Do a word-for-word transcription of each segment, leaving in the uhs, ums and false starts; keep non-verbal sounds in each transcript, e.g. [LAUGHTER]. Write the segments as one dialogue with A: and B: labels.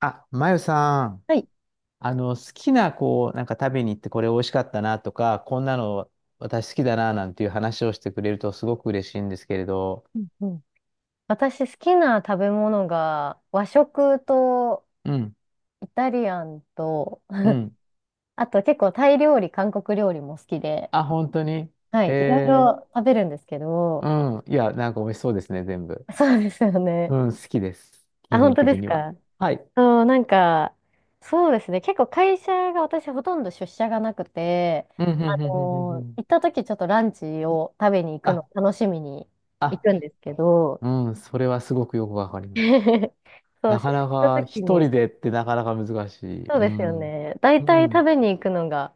A: あ、まゆさん、
B: はい。
A: あの、好きな、こう、なんか食べに行ってこれ美味しかったなとか、こんなの私好きだななんていう話をしてくれるとすごく嬉しいんですけれど。
B: うんうん。私好きな食べ物が和食と
A: うん、
B: イタリアンと、
A: うん。
B: あと結構タイ料理、韓国料理も好きで、
A: あ、本当に
B: はい、いろい
A: え
B: ろ食べるんですけど、
A: ー、うん。いや、なんか美味しそうですね、全部。
B: そうですよね。
A: うん、好きです。
B: あ、
A: 基
B: 本
A: 本
B: 当で
A: 的
B: す
A: には。
B: か？
A: はい。
B: そう、なんか、そうですね。結構会社が私ほとんど出社がなくて、
A: うん、うん、
B: あ
A: うん、うん、うんう
B: のー
A: ん。
B: 行った時ちょっとランチを食べに行くの
A: あ、
B: 楽しみに行
A: あ、
B: くんですけど、
A: うん、それはすごくよくわかります。
B: [LAUGHS] そう、出
A: な
B: 社
A: か
B: し
A: な
B: た
A: か
B: 時
A: 一
B: に、
A: 人でってなかなか難しい。
B: そう
A: う
B: ですよ
A: ん。
B: ね。だい
A: う
B: たい食
A: ん。
B: べに行くのが、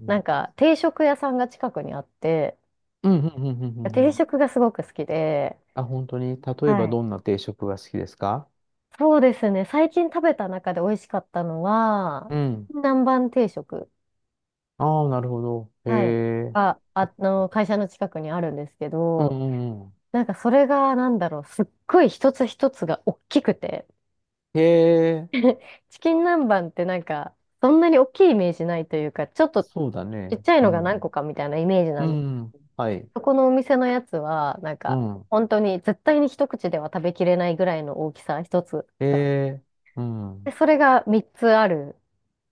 A: うん、う
B: なん
A: ん、
B: か定食屋さんが近くにあって、
A: うん、うん、うん。う
B: 定
A: ん。
B: 食がすごく好きで、
A: あ、本当に、例え
B: は
A: ば
B: い。
A: どんな定食が好きですか？
B: そうですね。最近食べた中で美味しかったのは、
A: うん。
B: 南蛮定食、
A: ああ、なるほど。へ
B: はい、
A: え。
B: が、あの、会社の近くにあるんですけ
A: うん
B: ど、
A: うんうん。
B: なんかそれが、なんだろう、すっごい一つ一つが大きくて、
A: へえ。
B: チキン南蛮ってなんか、そんなに大きいイメージないというか、ちょっとち
A: そうだね。
B: っちゃい
A: う
B: のが何
A: ん。
B: 個かみたいなイメージな
A: う
B: んです
A: ん。
B: けど。
A: はい。
B: そこのお店のやつは、なん
A: う
B: か、
A: ん。
B: 本当に絶対に一口では食べきれないぐらいの大きさ、一つ
A: へ
B: が。
A: え。う
B: で、
A: ん。
B: それがみっつある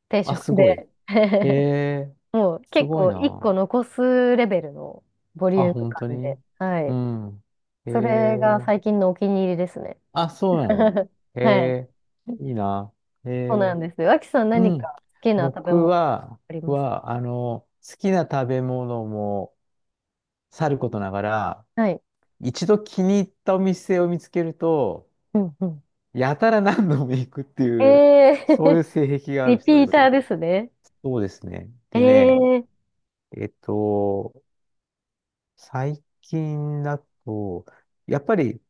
B: 定
A: あ、
B: 食
A: すごい。
B: で、
A: へ
B: [LAUGHS]
A: え。
B: もう
A: す
B: 結
A: ごい
B: 構1
A: な。
B: 個残すレベルのボリ
A: あ、
B: ューム
A: 本当
B: 感で、
A: に。
B: は
A: う
B: い。
A: ん。へ
B: それが
A: え。
B: 最近のお気に入りですね。
A: あ、そうなの。
B: [LAUGHS]
A: へ
B: はい。
A: え。いいな。へ
B: そう
A: え。
B: なんです。脇さん
A: う
B: 何
A: ん。
B: か好きな食べ
A: 僕
B: 物
A: は、
B: あり
A: 僕
B: ます？
A: は、あの、好きな食べ物もさることながら、
B: はい。
A: 一度気に入ったお店を見つけると、
B: うんうん。
A: やたら何度も行くっていう、
B: え
A: そうい
B: ー
A: う性癖
B: [LAUGHS]
A: があ
B: リ
A: る人
B: ピ
A: で
B: ー
A: す。
B: ターですね。
A: そうですね。
B: え
A: でね、
B: ええ
A: えっと、最近だと、やっぱり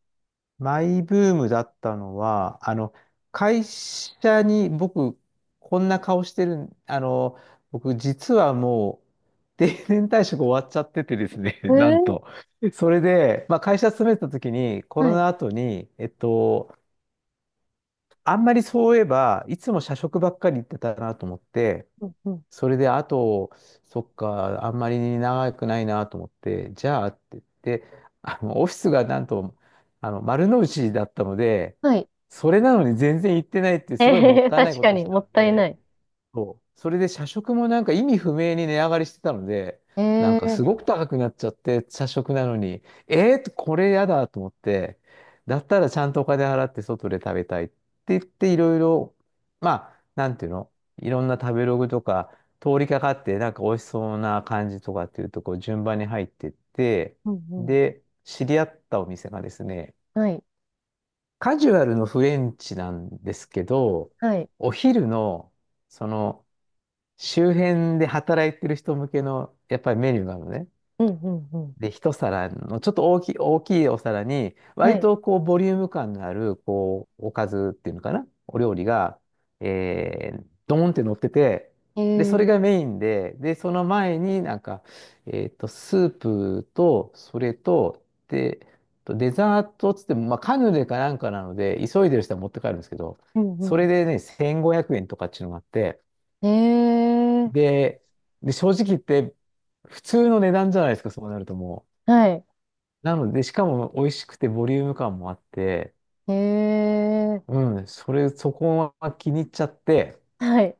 A: マイブームだったのは、あの、会社に僕、こんな顔してるん、あの、僕、実はもう、定年退職終わっちゃっててですね、[LAUGHS] なん
B: ー、
A: と。それで、まあ、会社勤めてた時に、コ
B: は
A: ロ
B: い。
A: ナ後に、えっと、あんまりそういえば、いつも社食ばっかり行ってたなと思って、
B: うんうん。
A: それで、あと、そっか、あんまり長くないなと思って、じゃあって言って、あの、オフィスがなんと、あの、丸の内だったので、
B: はい。
A: それなのに全然行ってないっていうすごいもっ
B: ええ [LAUGHS]
A: たいない
B: 確
A: こ
B: か
A: とを
B: に、
A: した
B: もっ
A: の
B: たい
A: で、
B: ない。
A: そう。それで社食もなんか意味不明に値上がりしてたので、なん
B: え
A: かす
B: え。
A: ごく高くなっちゃって、社食なのに、えー、これやだと思って、だったらちゃんとお金払って外で食べたいって言って、いろいろ、まあ、なんていうの、いろんな食べログとか、通りかかって、なんか美味しそうな感じとかっていうと、こう順番に入ってって、
B: うんうん。
A: で、知り合ったお店がですね、
B: はい。
A: カジュアルのフレンチなんですけど、
B: はい。
A: お昼の、その、周辺で働いてる人向けの、やっぱりメニューなのね。
B: うんうんうん。
A: で、一皿の、ちょっと大きい、大きいお皿に、
B: は
A: 割
B: い。
A: とこう、ボリューム感のある、こう、おかずっていうのかなお料理が、えー、ドーンって乗ってて、で、それ
B: え
A: が
B: え。
A: メインで、で、その前になんか、えっと、スープと、それと、で、とデザートっつっても、まあ、カヌレかなんかなので、急いでる人は持って帰るんですけど、
B: うん
A: そ
B: う
A: れでね、せんごひゃくえんとかっていうのがあって、
B: ん。ええ。
A: で、で、正直言って、普通の値段じゃないですか、そうなるとも
B: はい。
A: う。なので、しかも美味しくてボリューム感もあって、
B: ええ。
A: うん、それ、そこは気に入っちゃって、
B: はい。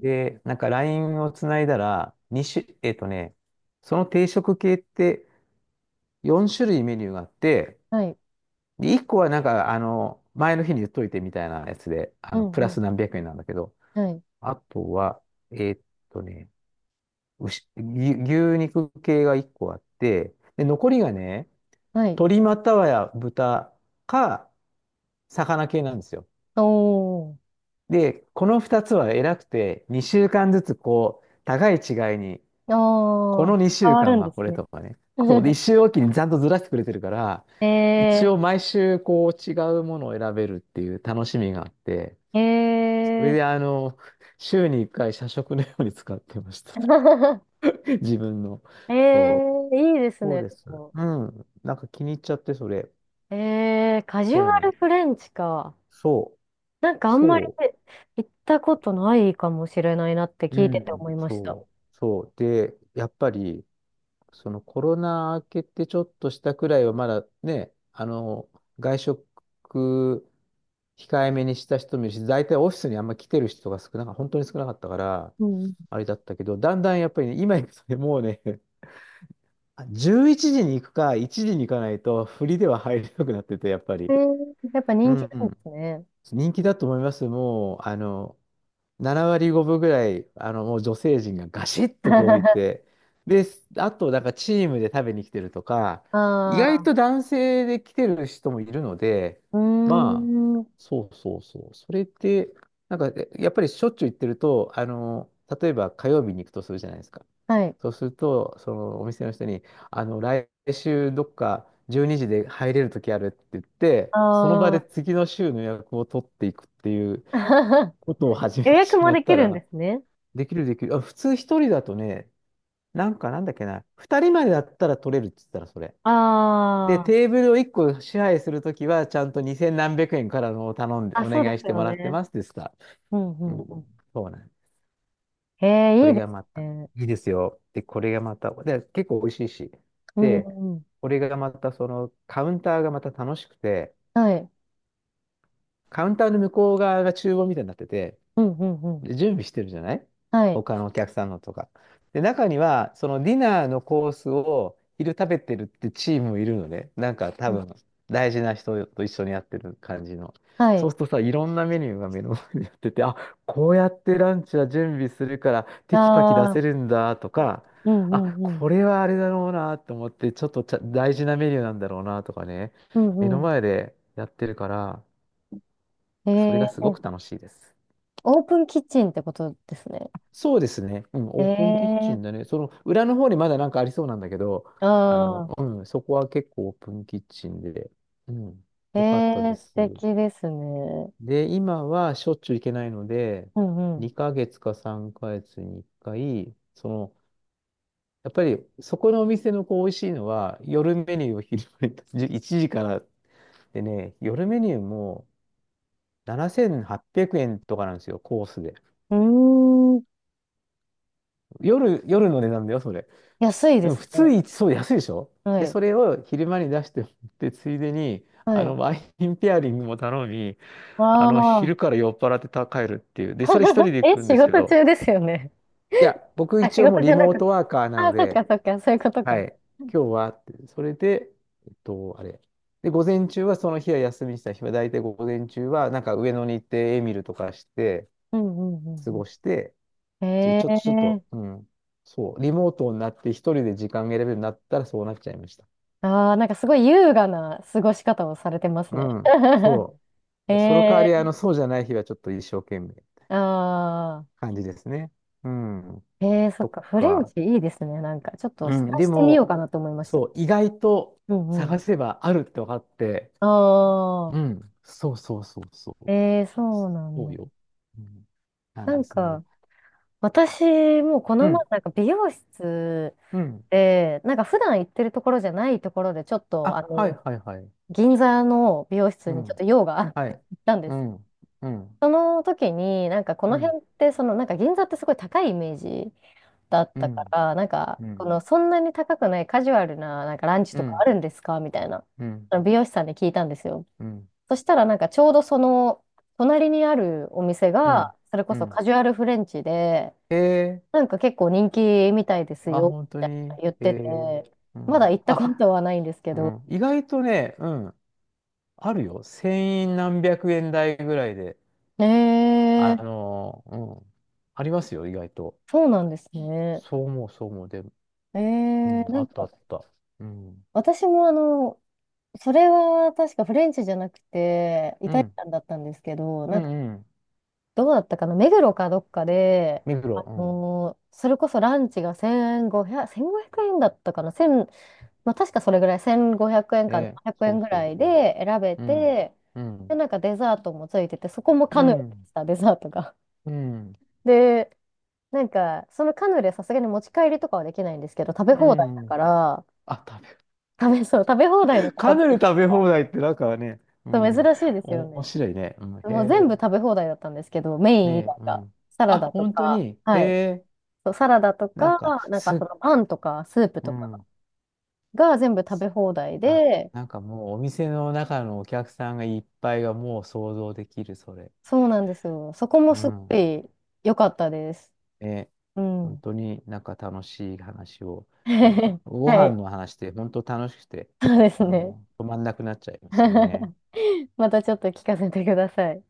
A: で、なんか ライン をつないだら、に種、えっとね、その定食系ってよん種類メニューがあって、
B: はい。
A: で、いっこはなんか、あの、前の日に言っといてみたいなやつで、あ
B: う
A: の、
B: ん
A: プ
B: う
A: ラ
B: ん。
A: ス何百円なんだけど、
B: はい。
A: あとは、えっとね、牛、牛牛肉系がいっこあって、で、残りがね、
B: はい。
A: 鶏またはや豚か魚系なんですよ。
B: おー。
A: で、このふたつは偉くて、にしゅうかんずつこう、互い違いに、
B: あ
A: この
B: ー。
A: 2
B: 変
A: 週
B: わる
A: 間
B: ん
A: は
B: です
A: これ
B: ね。
A: とかね。そう。で、いっ
B: [LAUGHS]
A: 週おきにちゃんとずらしてくれてるから、一
B: え
A: 応毎週こう違うものを選べるっていう楽しみがあって、
B: え
A: それ
B: ええ
A: であの、週にいっかい社食のように使ってました。
B: [LAUGHS]
A: [LAUGHS] 自分の。
B: ええ、
A: そ
B: いいです
A: う。そう
B: ね。
A: で
B: で
A: す。
B: も、
A: うん。なんか気に入っちゃって、それ。
B: ええ、カジュ
A: そう
B: ア
A: なん
B: ル
A: で
B: フ
A: す。
B: レンチか。
A: そ
B: なんか
A: う。
B: あんまり
A: そ
B: 行ったことないかもしれないなって
A: う。う
B: 聞いてて
A: ん。
B: 思いました。
A: そう。そう。で、やっぱり、そのコロナ明けてちょっとしたくらいは、まだね、あの、外食控えめにした人もいるし、大体オフィスにあんま来てる人が少なか、本当に少なかったから、
B: うん。
A: あれだったけど、だんだんやっぱりね、今行くとね、もうね、あじゅういちじに行くか、いちじに行かないと、振りでは入れなくなってて、やっぱ
B: え
A: り。
B: ー、やっぱ
A: う
B: 人気なんで
A: ん。
B: すね。
A: 人気だと思います。もう、あの、なな割ごぶぐらい、あの、もう女性陣がガシッとこうい
B: [LAUGHS]
A: て、で、あと、なんかチームで食べに来てるとか、意外
B: あ
A: と
B: あ、
A: 男性で来てる人もいるので、
B: うー
A: まあ、
B: ん、
A: そうそうそう。それって、なんか、えやっぱりしょっちゅう行ってると、あの、例えば火曜日に行くとするじゃないですか。
B: はい。
A: そうすると、そのお店の人に、あの、来週どっかじゅうにじで入れる時あるって言って、その場で
B: あ
A: 次の週の予約を取っていくっていう、
B: あ、[LAUGHS]
A: ことを始め
B: 予
A: て
B: 約
A: し
B: も
A: まっ
B: でき
A: た
B: るんで
A: ら、
B: すね。
A: できるできる。あ、普通一人だとね、なんかなんだっけな、二人までだったら取れるって言ったらそれ。で、
B: あ
A: テーブルを一個支配するときは、ちゃんと二千何百円からのを頼んで、
B: あ、
A: お
B: あ、そうで
A: 願い
B: す
A: して
B: よ
A: もらって
B: ね。
A: ますですか。
B: うんう
A: う
B: ん
A: ん、
B: うん。
A: そうなんです。
B: へえ、
A: こ
B: いい
A: れ
B: で
A: が
B: す
A: また、
B: ね。
A: いいですよ。で、これがまた、で、結構美味しいし。
B: うん
A: で、
B: うん。
A: これがまた、その、カウンターがまた楽しくて、
B: はい。
A: カウンターの向こう側が厨房みたいになってて、
B: うんうんうん。
A: で、準備してるじゃない
B: はい。
A: 他のお客さんのとか。で、中には、そのディナーのコースを昼食べてるってチームもいるので、なんか多
B: うん。
A: 分、大事な人と一緒にやってる感じの。
B: は
A: そう
B: い。
A: するとさ、いろんなメニューが目の前にやってて、あ、こうやってランチは準備するから、テキパキ出
B: あ
A: せ
B: あ、
A: るんだとか、
B: うんう
A: あ、
B: んうん。
A: これはあれだろうなと思って、ちょっとちゃ大事なメニューなんだろうなとかね、
B: う
A: 目の
B: んう
A: 前でやってるから、
B: ん。
A: それ
B: え
A: がすご
B: ー、
A: く楽しいです。
B: オープンキッチンってことですね。
A: そうですね。うん、オープンキッチ
B: え
A: ンだ
B: え。
A: ね。その裏の方にまだなんかありそうなんだけど、あの、
B: ああ、
A: うん、そこは結構オープンキッチンで、うん、
B: え
A: よかったで
B: え、素
A: す。
B: 敵ですね。
A: で、今はしょっちゅう行けないので、
B: うんう
A: にかげつかさんかげつにいっかい、その、やっぱりそこのお店のこう美味しいのは、夜メニューを昼間にじゅいちじからでね、夜メニューもななせんはっぴゃくえんとかなんですよ、コースで。
B: ん。うーん、
A: 夜、夜の値段だよ、それ。
B: 安い
A: で
B: で
A: も
B: す
A: 普通
B: ね。
A: に、そう安いでしょ。
B: は
A: で、そ
B: い、
A: れを昼間に出してもらって、ついでに、
B: は
A: あ
B: い。
A: の、ワインペアリングも頼み、あ
B: あ
A: の、
B: あ、
A: 昼から酔っ払ってた帰るっていう。で、それ一人で
B: [LAUGHS]
A: 行
B: え、
A: くんで
B: 仕
A: すけ
B: 事
A: ど、
B: 中ですよね。
A: い
B: [LAUGHS]
A: や、僕
B: あ、仕
A: 一応もう
B: 事じ
A: リ
B: ゃな
A: モー
B: くて。
A: トワーカーなの
B: あ、そっか
A: で、
B: そっか、そういうこと
A: は
B: か。
A: い、
B: うん
A: 今日はって、それで、えっと、あれ。で、午前中はその日は休みにした日は、大体午前中は、なんか上野に行ってエミルとかして、
B: うんう
A: 過ご
B: ん
A: して、
B: うん。
A: ちょ
B: え
A: ちょっと、ちょっ
B: え。
A: と、うん、そう、リモートになって一人で時間が選べるようになったらそうなっちゃいました。
B: ああ、なんかすごい優雅な過ごし方をされてます
A: う
B: ね。
A: ん、
B: [LAUGHS]
A: そう。その代わ
B: え
A: り、あ
B: え。
A: の、そうじゃない日はちょっと一生懸命
B: ああ
A: 感じですね。うん、
B: ー、ええ、そ
A: そ
B: っ
A: っ
B: か、フレン
A: か。
B: チいいですね。なんか、ちょっと
A: う
B: 探
A: ん、で
B: してみよう
A: も、
B: かなと思いました。
A: そう、意外と
B: うん。
A: 探せばあるって分かって、
B: ああ、
A: うん、そうそうそうそう。
B: ええ、そうなん
A: そう
B: だ。
A: よ。うん、なん
B: な
A: で
B: ん
A: すね。
B: か、私もこ
A: う
B: の前、
A: ん、
B: なんか美容室
A: うん。
B: で、なんか普段行ってるところじゃないところで、ちょっと、あ
A: あ、はい
B: の、
A: はいはい。
B: 銀座の美容室
A: う
B: にちょっ
A: ん、
B: と用があっ
A: は
B: て
A: い。
B: 行ったんで
A: う
B: す。
A: ん、うん、
B: その時に、なんかこ
A: う
B: の
A: ん、
B: 辺って、その、なんか銀座ってすごい高いイメージだっ
A: う
B: たか
A: ん、
B: ら、なんか、
A: う
B: こ
A: ん、
B: の、そんなに高くないカジュアルな、なんかランチ
A: う
B: とかあ
A: ん、
B: るんですかみたいな、
A: うん、
B: あの美容師さんに聞いたんですよ。
A: うん、
B: そしたらなんかちょうどその隣にあるお店
A: う
B: が、
A: ん。
B: それこ
A: う
B: そ
A: ん
B: カジュアルフレンチで、
A: えー
B: なんか結構人気みたいです
A: あ、
B: よ
A: 本
B: っ
A: 当
B: て
A: に。
B: 言っ
A: え
B: てて、
A: ー、う
B: まだ
A: ん。
B: 行ったこと
A: あ、
B: はないんですけ
A: う
B: ど。
A: ん。意外とね、うん。あるよ。千円何百円台ぐらいで。
B: えー、
A: あのーうん。ありますよ、意外と。
B: そうなんですね。
A: そう思う、そう思う。で、
B: え
A: うん。
B: ー、な
A: あ
B: ん
A: ったあ
B: か
A: った。うん。
B: 私もあの、それは確かフレンチじゃなくてイ
A: う
B: タリ
A: ん。
B: アンだったんですけど、な
A: う
B: んか
A: ん、うん。
B: どうだったかな、目黒かどっかで、
A: ミク
B: あ
A: ロ。う
B: のーそれこそランチがせんごひゃく、せんごひゃくえんだったかな、いちまあ、確かそれぐらい、せんごひゃくえん
A: ん。
B: か
A: ね。
B: 700
A: そ
B: 円
A: う
B: ぐ
A: そ
B: ら
A: う
B: い
A: そう。
B: で選べ
A: うん。
B: て、
A: う
B: で、
A: ん。
B: なんかデザートもついてて、そこもカ
A: う
B: ヌレで
A: ん。
B: した、デザートが。
A: うん。
B: で、なんか、そのカヌレさすがに持ち帰りとかはできないんですけど、食べ
A: う
B: 放題だか
A: ん。
B: ら、
A: あ、食
B: 食べ、そう、食べ放題
A: べ、
B: の
A: [LAUGHS]
B: とこ
A: か
B: ろ
A: なり
B: です。
A: 食べ放題ってなんかね、う
B: そう
A: ん。
B: 珍しいですよ
A: 面
B: ね。
A: 白いね。うん、へ
B: もう
A: え。
B: 全部食べ放題だったんですけど、メイ
A: ね
B: ン以
A: え、
B: 外
A: う
B: が、
A: ん。
B: サラ
A: あ、
B: ダと
A: 本当
B: か、
A: にへ
B: はい。
A: え、
B: そうサラダと
A: なん
B: か、
A: か、
B: なんかそ
A: す、
B: のパンとか、スープ
A: う
B: とか
A: ん。
B: が全部食べ放題
A: あ、
B: で、
A: なんかもうお店の中のお客さんがいっぱいがもう想像できる、それ。
B: そうなんですよ。そこも
A: う
B: すご
A: ん。
B: い良かったです。
A: ね、
B: う
A: 本
B: ん。
A: 当になんか楽しい話を、ね、
B: [LAUGHS]
A: ご
B: は
A: 飯
B: い。
A: の話って本当楽しくて、
B: そうですね。
A: もう止まんなくなっちゃいますよね。
B: [LAUGHS] またちょっと聞かせてください。